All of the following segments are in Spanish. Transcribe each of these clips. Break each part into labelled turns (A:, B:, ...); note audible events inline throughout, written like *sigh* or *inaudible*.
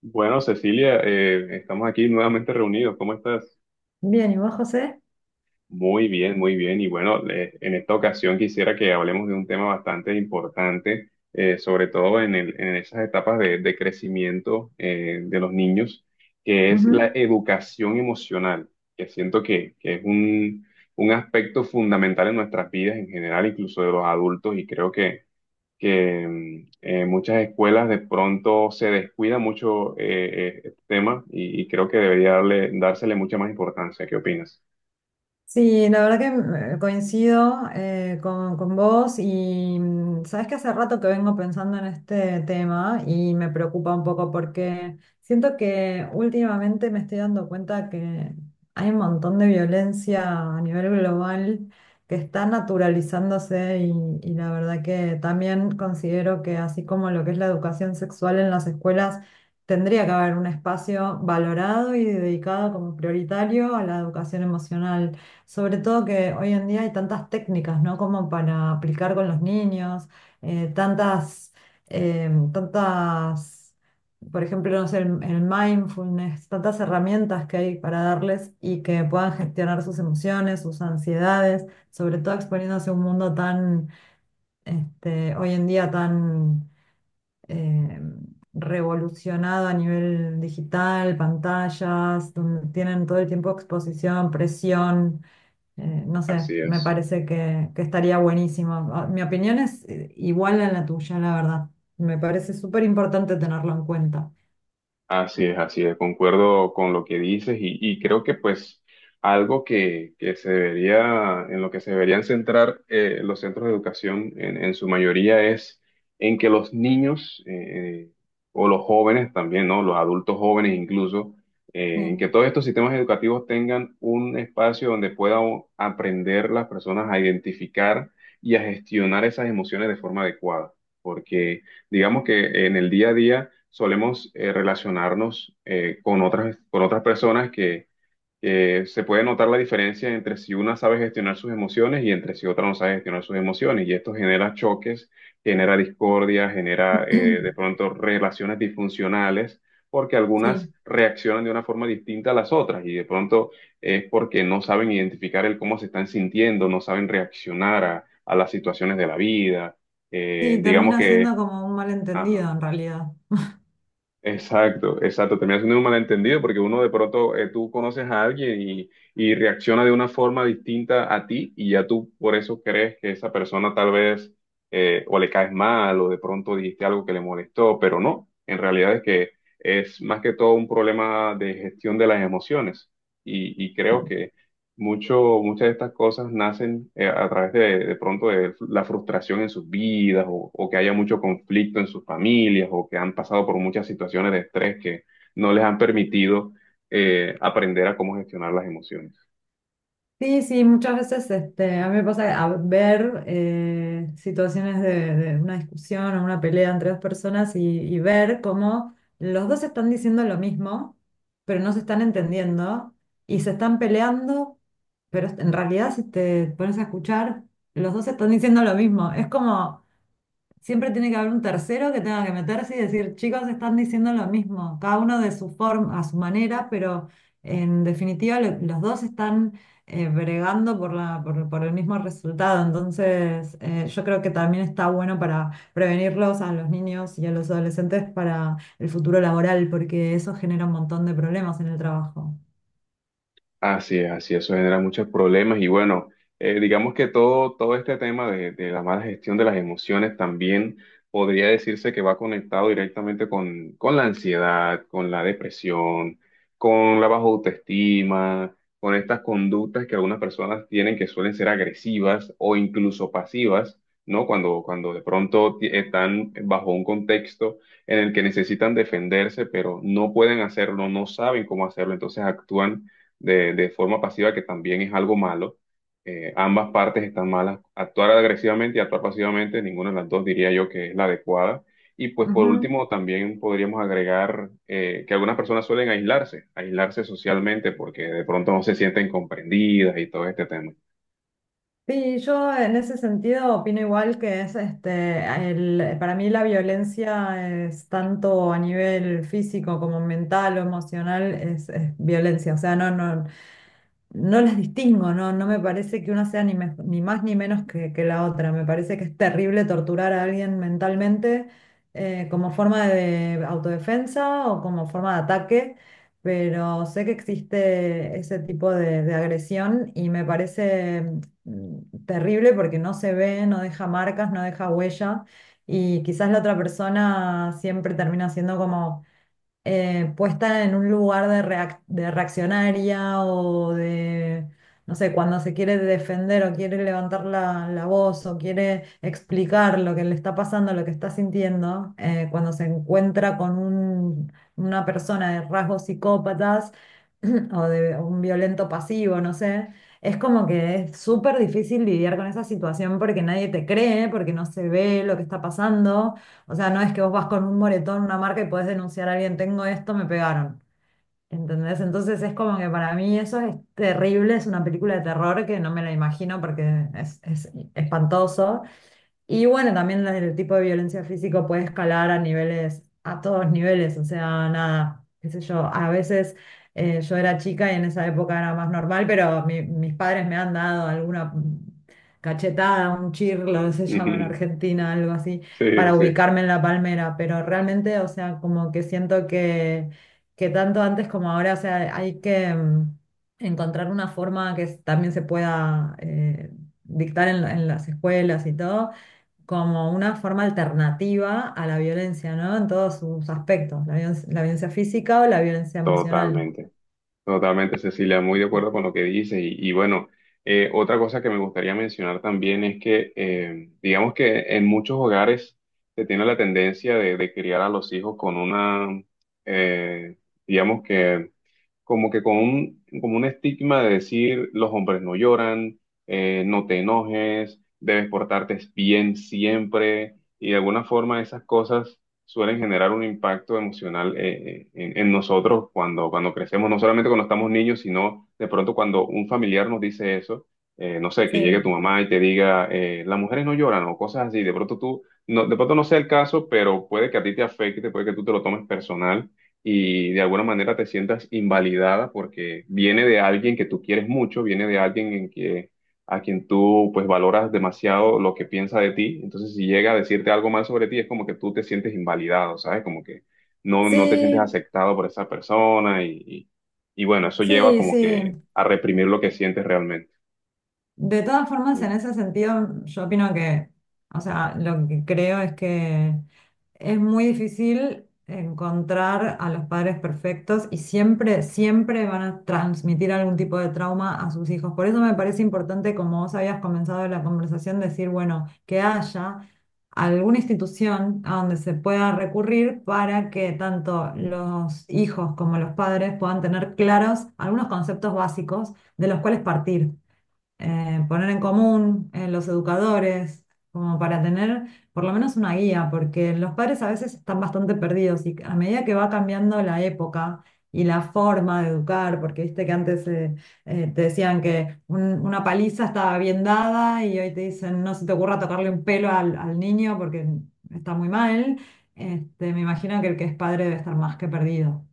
A: Bueno, Cecilia, estamos aquí nuevamente reunidos. ¿Cómo estás?
B: Bien, ¿y vos, José?
A: Muy bien, muy bien. Y bueno, en esta ocasión quisiera que hablemos de un tema bastante importante, sobre todo en esas etapas de crecimiento de los niños, que es la
B: Ujú.
A: educación emocional, que siento que es un aspecto fundamental en nuestras vidas en general, incluso de los adultos, y creo que muchas escuelas de pronto se descuida mucho este tema y creo que debería dársele mucha más importancia. ¿Qué opinas?
B: Sí, la verdad que coincido con vos y sabes que hace rato que vengo pensando en este tema y me preocupa un poco porque siento que últimamente me estoy dando cuenta que hay un montón de violencia a nivel global que está naturalizándose y la verdad que también considero que así como lo que es la educación sexual en las escuelas tendría que haber un espacio valorado y dedicado como prioritario a la educación emocional. Sobre todo que hoy en día hay tantas técnicas, ¿no? Como para aplicar con los niños, eh, tantas, tantas, por ejemplo, no sé, el mindfulness, tantas herramientas que hay para darles y que puedan gestionar sus emociones, sus ansiedades, sobre todo exponiéndose a un mundo tan, hoy en día tan eh, revolucionado a nivel digital, pantallas, donde tienen todo el tiempo exposición, presión. No sé,
A: Así
B: me
A: es.
B: parece que estaría buenísimo. Mi opinión es igual a la tuya, la verdad. Me parece súper importante tenerlo en cuenta.
A: Así es, así es, concuerdo con lo que dices y creo que pues algo que se debería, en lo que se deberían centrar los centros de educación en su mayoría es en que los niños o los jóvenes también, ¿no? Los adultos jóvenes incluso, en que
B: Sí.
A: todos estos sistemas educativos tengan un espacio donde puedan aprender las personas a identificar y a gestionar esas emociones de forma adecuada, porque digamos que en el día a día solemos relacionarnos con con otras personas que se puede notar la diferencia entre si una sabe gestionar sus emociones y entre si otra no sabe gestionar sus emociones. Y esto genera choques, genera discordia, genera de
B: *clears throat*
A: pronto relaciones disfuncionales, porque algunas
B: Sí,
A: reaccionan de una forma distinta a las otras y de pronto es porque no saben identificar el cómo se están sintiendo, no saben reaccionar a las situaciones de la vida.
B: sí,
A: Digamos
B: termina siendo
A: que...
B: como un malentendido
A: Ajá.
B: en realidad.
A: Exacto, exacto. Termina siendo un malentendido porque uno de pronto tú conoces a alguien y reacciona de una forma distinta a ti y ya tú por eso crees que esa persona tal vez o le caes mal o de pronto dijiste algo que le molestó, pero no, en realidad es que es más que todo un problema de gestión de las emociones y creo muchas de estas cosas nacen a través de pronto de la frustración en sus vidas o que haya mucho conflicto en sus familias o que han pasado por muchas situaciones de estrés que no les han permitido aprender a cómo gestionar las emociones.
B: Sí, sí, muchas veces a mí me pasa que a ver situaciones de una discusión o una pelea entre dos personas y ver cómo los dos están diciendo lo mismo, pero no se están entendiendo y se están peleando, pero en realidad si te pones a escuchar, los dos están diciendo lo mismo. Es como siempre tiene que haber un tercero que tenga que meterse y decir: chicos, están diciendo lo mismo, cada uno de su forma, a su manera, pero en definitiva los dos están bregando por por el mismo resultado. Entonces, yo creo que también está bueno para prevenirlos a los niños y a los adolescentes para el futuro laboral, porque eso genera un montón de problemas en el trabajo.
A: Así es, eso genera muchos problemas y bueno, digamos que todo este tema de la mala gestión de las emociones también podría decirse que va conectado directamente con la ansiedad, con la depresión, con la baja autoestima, con estas conductas que algunas personas tienen que suelen ser agresivas o incluso pasivas, ¿no? Cuando de pronto están bajo un contexto en el que necesitan defenderse, pero no pueden hacerlo, no saben cómo hacerlo, entonces actúan de forma pasiva, que también es algo malo. Ambas partes están malas. Actuar agresivamente y actuar pasivamente, ninguna de las dos diría yo que es la adecuada. Y pues por
B: Ujú.
A: último, también podríamos agregar que algunas personas suelen aislarse, aislarse socialmente porque de pronto no se sienten comprendidas y todo este tema.
B: Sí, yo en ese sentido opino igual que para mí la violencia es tanto a nivel físico como mental o emocional, es violencia. O sea, no, no, no las distingo, no, no me parece que una sea ni, ni más ni menos que la otra. Me parece que es terrible torturar a alguien mentalmente como forma de autodefensa o como forma de ataque, pero sé que existe ese tipo de agresión y me parece terrible porque no se ve, no deja marcas, no deja huella, y quizás la otra persona siempre termina siendo como puesta en un lugar de, de reaccionaria o de no sé, cuando se quiere defender o quiere levantar la voz o quiere explicar lo que le está pasando, lo que está sintiendo. Cuando se encuentra con una persona de rasgos psicópatas *clears throat* o de un violento pasivo, no sé. Es como que es súper difícil lidiar con esa situación porque nadie te cree, porque no se ve lo que está pasando. O sea, no es que vos vas con un moretón, una marca y podés denunciar a alguien: tengo esto, me pegaron. ¿Entendés? Entonces es como que para mí eso es terrible, es una película de terror que no me la imagino porque es espantoso. Y bueno, también el tipo de violencia física puede escalar a niveles, a todos niveles, o sea, nada, qué sé yo, a veces yo era chica y en esa época era más normal, pero mis padres me han dado alguna cachetada, un chirlo, *laughs* se llama en
A: *laughs*
B: Argentina, algo así,
A: Sí,
B: para
A: sí,
B: ubicarme en la palmera, pero realmente, o sea, como que siento que tanto antes como ahora, o sea, hay que encontrar una forma que también se pueda dictar en en las escuelas y todo, como una forma alternativa a la violencia, ¿no? En todos sus aspectos, la violencia física o la violencia emocional.
A: totalmente. Totalmente, Cecilia, muy de acuerdo con lo que dices. Y bueno, otra cosa que me gustaría mencionar también es que, digamos que en muchos hogares se tiene la tendencia de criar a los hijos con una, eh, digamos que como que con como un estigma de decir los hombres no lloran, no te enojes, debes portarte bien siempre, y de alguna forma esas cosas suelen generar un impacto emocional en en, nosotros cuando crecemos, no solamente cuando estamos niños, sino de pronto cuando un familiar nos dice eso, no sé, que llegue
B: Sí,
A: tu mamá y te diga, las mujeres no lloran o cosas así, de pronto tú, no, de pronto no sea el caso, pero puede que a ti te afecte, puede que tú te lo tomes personal y de alguna manera te sientas invalidada porque viene de alguien que tú quieres mucho, viene de alguien en que, a quien tú pues valoras demasiado lo que piensa de ti. Entonces, si llega a decirte algo mal sobre ti, es como que tú te sientes invalidado, ¿sabes? Como que no, no te sientes
B: sí,
A: aceptado por esa persona y y, bueno, eso lleva
B: sí,
A: como
B: sí.
A: que a reprimir lo que sientes realmente.
B: De todas formas, en ese sentido, yo opino que, o sea, lo que creo es que es muy difícil encontrar a los padres perfectos y siempre, siempre van a transmitir algún tipo de trauma a sus hijos. Por eso me parece importante, como vos habías comenzado la conversación, decir, bueno, que haya alguna institución a donde se pueda recurrir para que tanto los hijos como los padres puedan tener claros algunos conceptos básicos de los cuales partir, poner en común los educadores, como para tener por lo menos una guía, porque los padres a veces están bastante perdidos y a medida que va cambiando la época y la forma de educar, porque viste que antes te decían que una paliza estaba bien dada y hoy te dicen no se te ocurra tocarle un pelo al, al niño porque está muy mal. Me imagino que el que es padre debe estar más que perdido.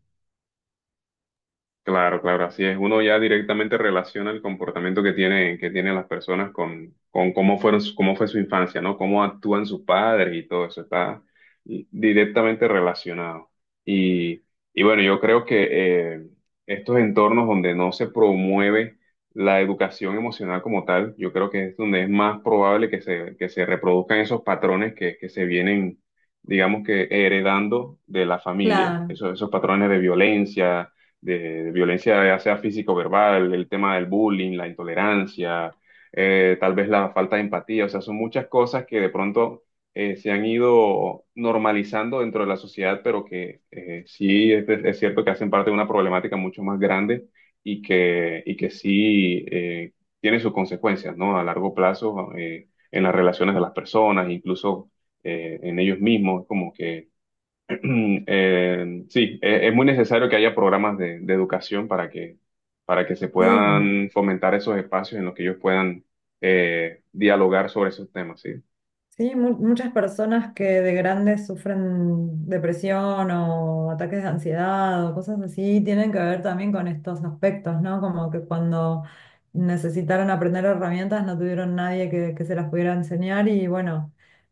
A: Claro, claro, así es. Uno ya directamente relaciona el comportamiento que tiene, que tienen las personas con cómo fueron, cómo fue su infancia, ¿no? Cómo actúan sus padres y todo eso está directamente relacionado. Y, y bueno, yo creo que estos entornos donde no se promueve la educación emocional como tal, yo creo que es donde es más probable que que se reproduzcan esos patrones que se vienen, digamos que heredando de la familia,
B: Claro,
A: esos patrones de violencia, ya sea física o verbal, el tema del bullying, la intolerancia, tal vez la falta de empatía, o sea, son muchas cosas que de pronto se han ido normalizando dentro de la sociedad, pero que sí es cierto que hacen parte de una problemática mucho más grande y y que sí tiene sus consecuencias, ¿no? A largo plazo, en las relaciones de las personas, incluso en ellos mismos, como que sí, es muy necesario que haya programas de educación para para que se
B: sí.
A: puedan fomentar esos espacios en los que ellos puedan dialogar sobre esos temas, ¿sí?
B: Sí, muchas personas que de grandes sufren depresión o ataques de ansiedad o cosas así tienen que ver también con estos aspectos, ¿no? Como que cuando necesitaron aprender herramientas no tuvieron nadie que, que se las pudiera enseñar y bueno,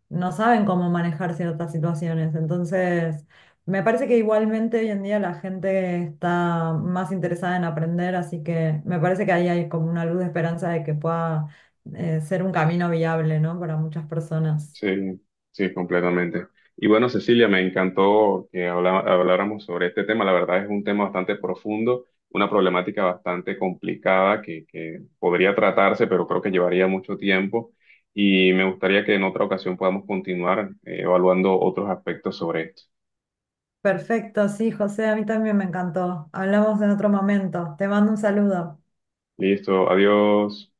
B: no saben cómo manejar ciertas situaciones. Entonces, me parece que igualmente hoy en día la gente está más interesada en aprender, así que me parece que ahí hay como una luz de esperanza de que pueda ser un camino viable, ¿no? Para muchas personas.
A: Sí, sí, completamente. Y bueno, Cecilia, me encantó que habláramos sobre este tema. La verdad es un tema bastante profundo, una problemática bastante complicada que podría tratarse, pero creo que llevaría mucho tiempo. Y me gustaría que en otra ocasión podamos continuar evaluando otros aspectos sobre esto.
B: Perfecto, sí, José, a mí también me encantó. Hablamos en otro momento. Te mando un saludo.
A: Listo, adiós.